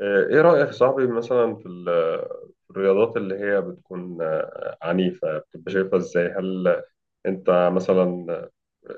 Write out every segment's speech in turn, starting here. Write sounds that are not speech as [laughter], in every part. ايه رأيك يا صاحبي مثلا في الرياضات اللي هي بتكون عنيفة؟ بتبقى شايفها ازاي؟ هل انت مثلا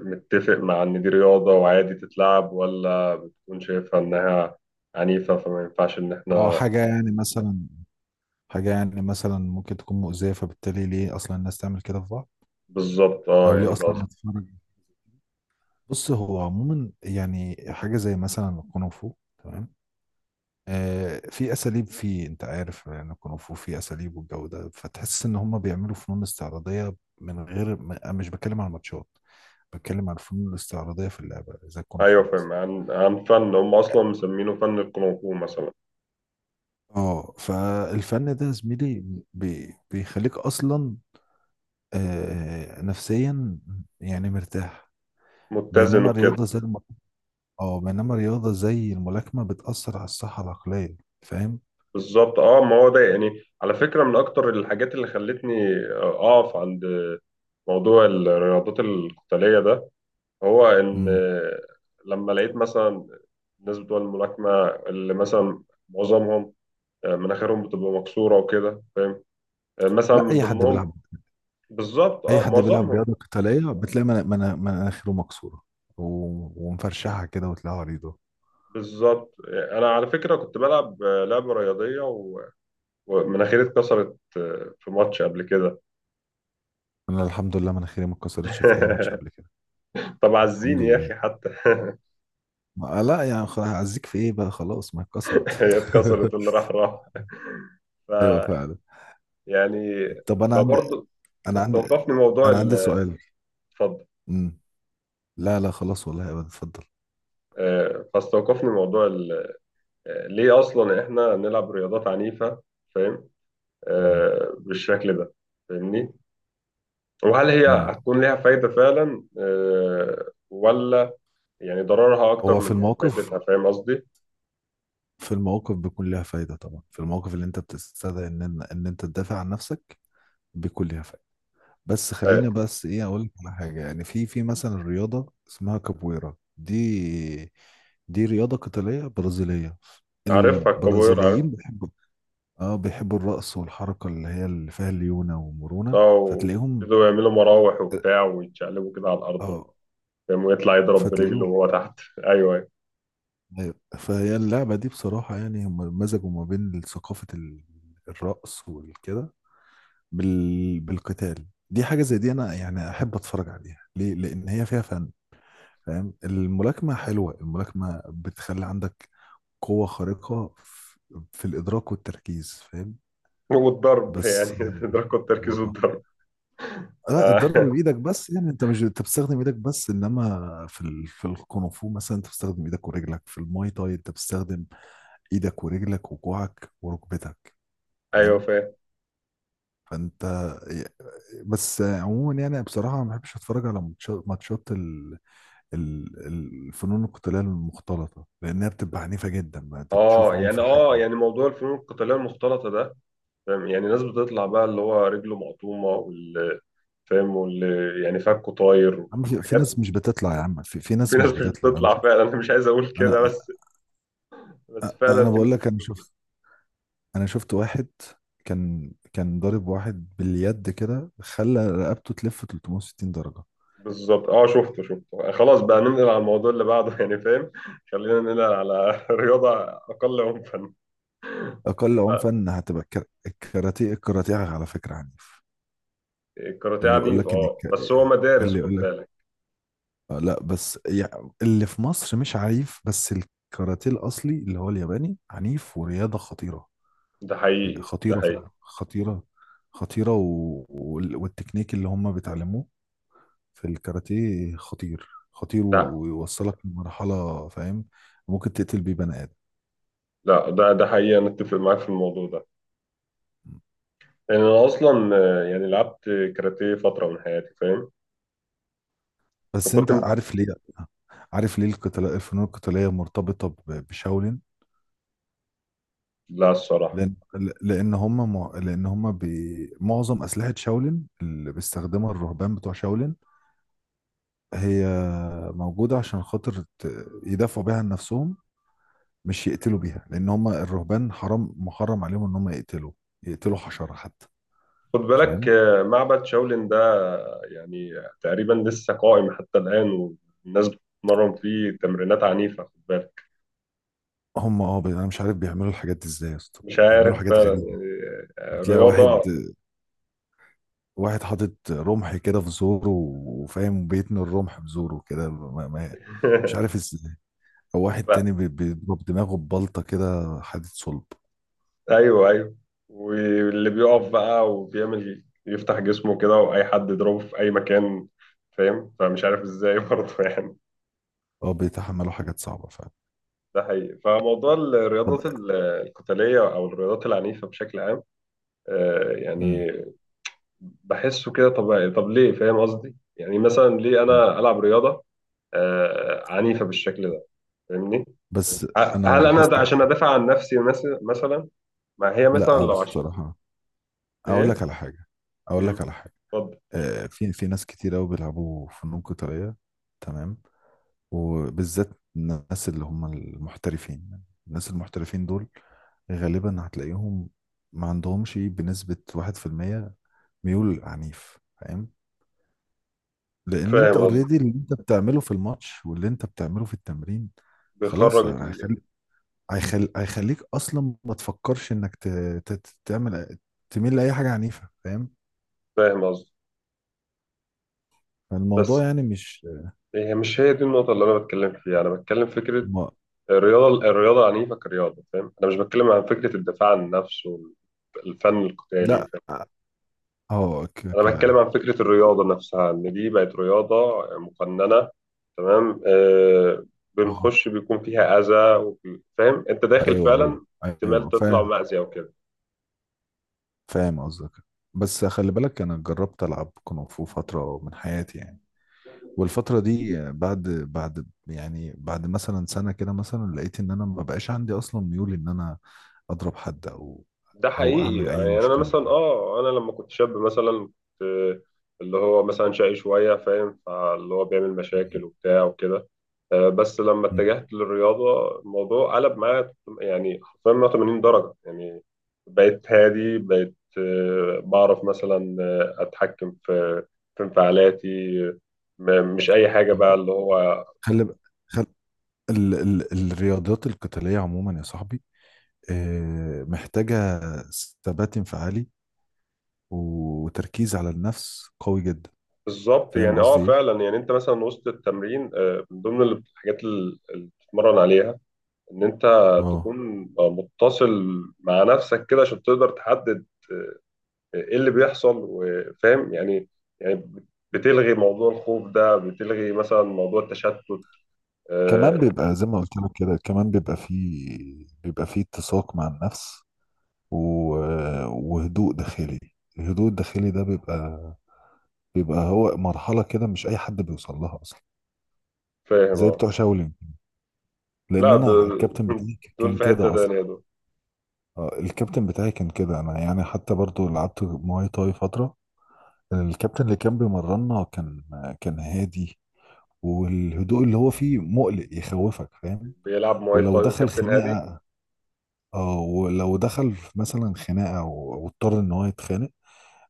متفق مع ان دي رياضة وعادي تتلعب، ولا بتكون شايفها انها عنيفة فما ينفعش ان اه احنا؟ حاجة يعني مثلا ممكن تكون مؤذية، فبالتالي ليه أصلا الناس تعمل كده في بعض؟ بالظبط اه، أو ليه يعني ده أصلا قصدي. نتفرج؟ بص، هو عموما يعني حاجة زي مثلا الكونغ فو. تمام. في أساليب، فيه أنت عارف يعني الكونغ فو فيه أساليب والجو ده، فتحس إن هم بيعملوا فنون استعراضية. من غير م- أنا مش بتكلم عن الماتشات، بتكلم عن الفنون الاستعراضية في اللعبة زي الكونغ ايوه فو مثلا. فاهم، عن فن هم اصلا مسمينه فن الكونغ فو مثلا. اه فالفن ده يا زميلي بيخليك أصلا نفسيا يعني مرتاح. متزن بينما وكده. الرياضة زي الم... اه بينما الرياضة زي الملاكمة بتأثر على الصحة العقلية. فاهم؟ بالظبط اه، ما هو ده يعني على فكرة من اكتر الحاجات اللي خلتني اقف عند موضوع الرياضات القتالية ده، هو إن مم. لما لقيت مثلا الناس بتوع الملاكمة اللي مثلا معظمهم مناخيرهم بتبقى مكسورة وكده، فاهم؟ مثلا لا من ضمنهم. بالظبط أي اه، حد بيلعب معظمهم. رياضة قتالية بتلاقي مناخيره مكسورة و... ومفرشحة كده وتلاقيها عريضة. بالظبط أنا على فكرة كنت بلعب لعبة رياضية ومناخيري اتكسرت في ماتش قبل كده. أنا الحمد لله مناخيري ما اتكسرتش في أي ماتش [laughs] قبل كده. طب الحمد عزيني يا لله. أخي حتى. [laughs] ما... لا يعني خلاص، أعزيك في إيه بقى؟ خلاص ما اتكسرت. هي اتكسرت، [laughs] اللي راح أيوه راح فعلا. يعني. طب أنا عندي فبرضه أنا عندي استوقفني أنا عندي سؤال. اتفضل. مم. لا لا خلاص، والله أبدا، اتفضل. فاستوقفني ليه اصلا احنا بنلعب رياضات عنيفه، فاهم؟ مم. بالشكل ده، فاهمني؟ وهل هي مم. هتكون ليها فايده فعلا ولا يعني ضررها اكتر هو في من الموقف فايدتها؟ فاهم قصدي؟ في الموقف بيكون ليها فايدة طبعا، في الموقف اللي انت بتستدعي ان ان إن انت تدافع عن نفسك بيكون ليها فايدة. بس آه، خلينا بس ايه، اقول لك على حاجة. يعني في مثلا رياضة اسمها كابويرا، دي دي رياضة قتالية برازيلية. عارفها الكبار، عارف. البرازيليين بيحبوا، اه بيحبوا الرقص والحركة اللي هي اللي فيها ليونة ومرونة، اه، فتلاقيهم ويبتدوا يعملوا مراوح اه وبتاع ويتشقلبوا كده على الارض. آه، فاهم، ويطلع يضرب برجله فتلاقيهم. وهو تحت. [laughs] ايوه أيوة. أيوة. فهي اللعبة دي بصراحة يعني هم مزجوا ما بين ثقافة الرقص والكده بالقتال. دي حاجة زي دي أنا يعني أحب أتفرج عليها ليه؟ لأن هي فيها فن. فاهم؟ الملاكمة حلوة، الملاكمة بتخلي عندك قوة خارقة في الإدراك والتركيز. فاهم؟ والضرب يعني. بس [laughs] تدركوا التركيز و... والضرب. ف... لا، الضرب بإيدك بس، يعني أنت مش أنت بتستخدم إيدك بس، إنما في في الكونغفو مثلا أنت بتستخدم إيدك ورجلك، في الماي تاي أنت بتستخدم إيدك ورجلك وكوعك وركبتك. [laughs] ايوه فاهم؟ فاهم. فانت. بس عموما يعني بصراحه ما بحبش اتفرج على ماتشات الفنون القتاليه المختلطه، لانها بتبقى عنيفه جدا، بقى انت بتشوف اه يعني، عنف حقيقي. اه يعني موضوع الفنون القتاليه المختلطه ده، فاهم يعني؟ ناس بتطلع بقى اللي هو رجله مقطومه، واللي فاهم، واللي يعني فكه طاير عم في... في وحاجات. ناس مش بتطلع يا عم في في ناس ناس مش مش بتطلع، انا بتطلع شفت فعلا، انا مش عايز اقول كده، انا بس بس فعلا انا في بقول ناس لك، مش بتطلع. انا شفت واحد كان ضارب واحد باليد كده خلى رقبته تلف 360 درجه. بالظبط اه، شفته شفته، خلاص بقى ننقل على الموضوع اللي بعده. [laughs] يعني فاهم، خلينا ننقل على [laughs] رياضه اقل عنفا. اقل ف- عنفا هتبقى الكاراتيه. الكاراتيه على فكره عنيف. الكاراتيه اللي يقول عنيف لك ان اه، الك... بس هو مدارس، اللي يقول خد لك بالك. لا بس يعني اللي في مصر مش عنيف، بس الكاراتيه الاصلي اللي هو الياباني عنيف ورياضه خطيره. ده حقيقي، ده خطيره حقيقي. فعلا. خطيره. خطيره والتكنيك اللي هم بيتعلموه في الكاراتيه خطير خطير، لا ويوصلك لمرحله، فاهم؟ ممكن تقتل بيه بني ادم. لا، ده حقيقي، انا اتفق معاك في الموضوع ده. لأن أنا أصلا يعني لعبت كاراتيه فترة من حياتي، فاهم؟ بس وكنت انت م- عارف ليه؟ عارف ليه القتال الفنون القتاليه مرتبطه بشاولين؟ لا الصراحة. لان لان هم مع- لان هم بي... معظم اسلحه شاولين اللي بيستخدمها الرهبان بتوع شاولين هي موجوده عشان خاطر يدافعوا بيها عن نفسهم، مش يقتلوا بيها. لان هم الرهبان حرام محرم عليهم ان هم يقتلوا، يقتلوا حشره حتى. خد بالك فاهم؟ معبد شاولين ده، يعني تقريبا لسه قائم حتى الآن، والناس بتتمرن فيه تمرينات عنيفة، خد بالك. انا مش عارف بيعملوا الحاجات دي ازاي يا اسطى، مش بيعملوا عارف حاجات فعلا غريبه. يعني. بتلاقي رياضة. واحد حاطط رمح كده في زوره، وفاهم بيتني الرمح بزوره كده ما... ما... مش عارف [laughs] ازاي. او واحد لا، تاني بيضرب دماغه ببلطه كده حديد صلب. أيوه أيوه. واللي بيقف بقى وبيعمل يفتح جسمه كده، وأي حد يضربه في أي مكان، فاهم؟ فمش عارف إزاي [laughs] برضه يعني. اه بيتحملوا حاجات صعبه فعلا. ده حقيقي. طب. القتالية أو الرياضات العنيفة بشكل عام، مم. يعني بحسه كده طبيعي، طب ليه؟ فاهم قصدي؟ يعني مثلا ليه مم. أنا ألعب رياضة عنيفة بالشكل ده، فاهمني؟ بس انا هل أنا لاحظت. ده عشان أدافع عن نفسي مثلا؟ ما هي مثلا لا لو عشان بصراحه، اقول إيه؟ لك على حاجه. اقول مم، لك على حاجه اتفضل. في ناس كتير قوي بيلعبوا فنون قتاليه، تمام؟ وبالذات الناس اللي هم المحترفين. الناس المحترفين دول غالبا هتلاقيهم ما عندهمش بنسبه 1% ميول عنيف. فاهم؟ لان انت فاهم قصدي، اوريدي اللي انت بتعمله في الماتش واللي انت بتعمله في التمرين خلاص بيخرج ال- هيخلي هيخليك اصلا ما تفكرش انك تعمل، تميل لاي حاجه عنيفه. فاهم؟ فاهم قصدي، بس فالموضوع يعني مش... هي مش هي دي النقطة اللي أنا بتكلم فيها. أنا بتكلم فكرة ما... الرياضة عنيفة كرياضة، فاهم؟ أنا مش بتكلم عن فكرة الدفاع عن النفس والفن القتالي، لا. فاهم؟ اه ك... ك... أنا بتكلم عن فكرة الرياضة نفسها، إن دي بقت رياضة مقننة، تمام؟ آه، اه بنخش بيكون فيها أذى، فاهم؟ أنت داخل ايوه فعلا احتمال ايوه تطلع فاهم. مأذي أو كده. فاهم قصدك. بس خلي بالك، انا جربت العب كونغ فو فتره من حياتي يعني، والفترة دي بعد بعد مثلا سنة كده مثلا، لقيت ان انا ما بقاش عندي اصلا ميول ان انا اضرب حد ده او حقيقي. اعمل اي يعني أنا مشكلة. مثلا آه، أنا لما كنت شاب مثلا كنت اللي هو مثلا شقي شوية، فاهم؟ فاللي هو بيعمل م- مشاكل وبتاع وكده. بس لما م. اتجهت للرياضة الموضوع قلب معايا، يعني حرفيا 180 درجة يعني. بقيت هادي، بقيت بعرف مثلا أتحكم في انفعالاتي. مش أي حاجة بقى اللي هو. خلي ب- خل... الرياضات القتالية عموما يا صاحبي محتاجة ثبات انفعالي وتركيز على النفس قوي جدا. بالظبط فاهم يعني اه، قصدي ايه؟ فعلا يعني انت مثلا وسط التمرين من ضمن اللي بتتمرن عليها ان انت اه تكون متصل مع نفسك كده، عشان تقدر تحدد ايه اللي بيحصل، وفاهم يعني. يعني بتلغي موضوع الخوف ده، بتلغي مثلا موضوع التشتت. كمان آه، بيبقى زي ما قلت لك كده، كمان بيبقى فيه اتساق مع النفس و... وهدوء داخلي. الهدوء الداخلي ده بيبقى هو مرحلة كده مش أي حد بيوصل لها أصلا، فاهم زي اه. بتوع شاولين. لا لأن أنا دول، الكابتن بتاعي دول كان في حتة كده أصلا. تانية دول. الكابتن بتاعي كان كده. أنا يعني حتى برضو لعبت مواي تاي فترة، الكابتن اللي كان بيمرنا كان هادي، والهدوء اللي هو فيه مقلق يخوفك. فاهم؟ بيلعب مواي ولو تاي دخل وكابتن هادي. خناقة، اه ولو دخل مثلا خناقة واضطر ان هو يتخانق،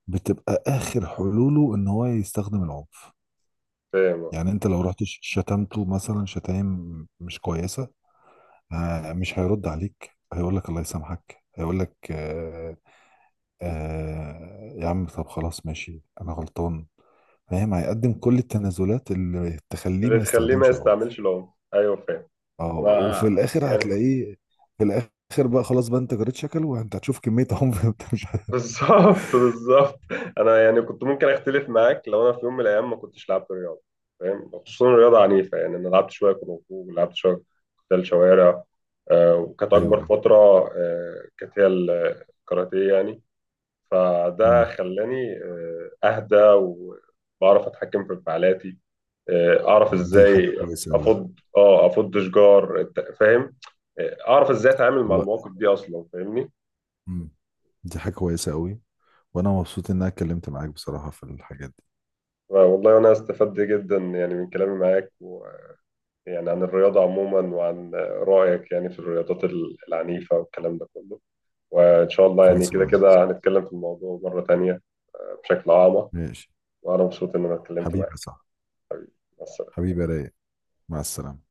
بتبقى اخر حلوله ان هو يستخدم العنف. فاهم اه. يعني انت لو رحت شتمته مثلا شتايم مش كويسه، مش هيرد عليك، هيقول لك الله يسامحك، هيقول لك آه، آه يا عم طب خلاص ماشي انا غلطان. فاهم؟ هيقدم كل التنازلات اللي تخليه اللي ما تخليه ما يستخدمش العنف. يستعملش العنف، ايوه فاهم. اه ما وفي الاخر يعني، هتلاقيه، في الاخر بقى خلاص بقى، انت جريت شكل وانت هتشوف كميه عنف. [laughs] انت مش بالظبط بالظبط. انا يعني كنت ممكن اختلف معاك لو انا في يوم من الايام ما كنتش لعبت رياضه، فاهم؟ خصوصا رياضه عنيفه. يعني انا لعبت شويه كونغ فو، ولعبت شويه قتال شوارع وكانت اكبر ايوه. فتره كانت هي الكاراتيه يعني. فده مم. خلاني اهدى وبعرف اتحكم في انفعالاتي، اعرف دي حاجه ازاي كويسه قوي. افض، اه، افض شجار، فاهم؟ اعرف ازاي اتعامل مع والله. المواقف دي اصلا، فاهمني؟ مم. دي حاجة كويسة قوي، وانا مبسوط ان انا اتكلمت معاك بصراحة في الحاجات دي. والله، وأنا استفدت جدا يعني من كلامي معاك، ويعني عن الرياضة عموما، وعن رأيك يعني في العنيفة والكلام ده كله. وإن شاء الله يعني خالص كده معاك كده صح. هنتكلم في الموضوع مرة تانية بشكل أعمق. ماشي. وأنا مبسوط إن أنا اتكلمت حبيبي معاك. صح. مع السلامة. حبيبي يا رايق. مع السلامة.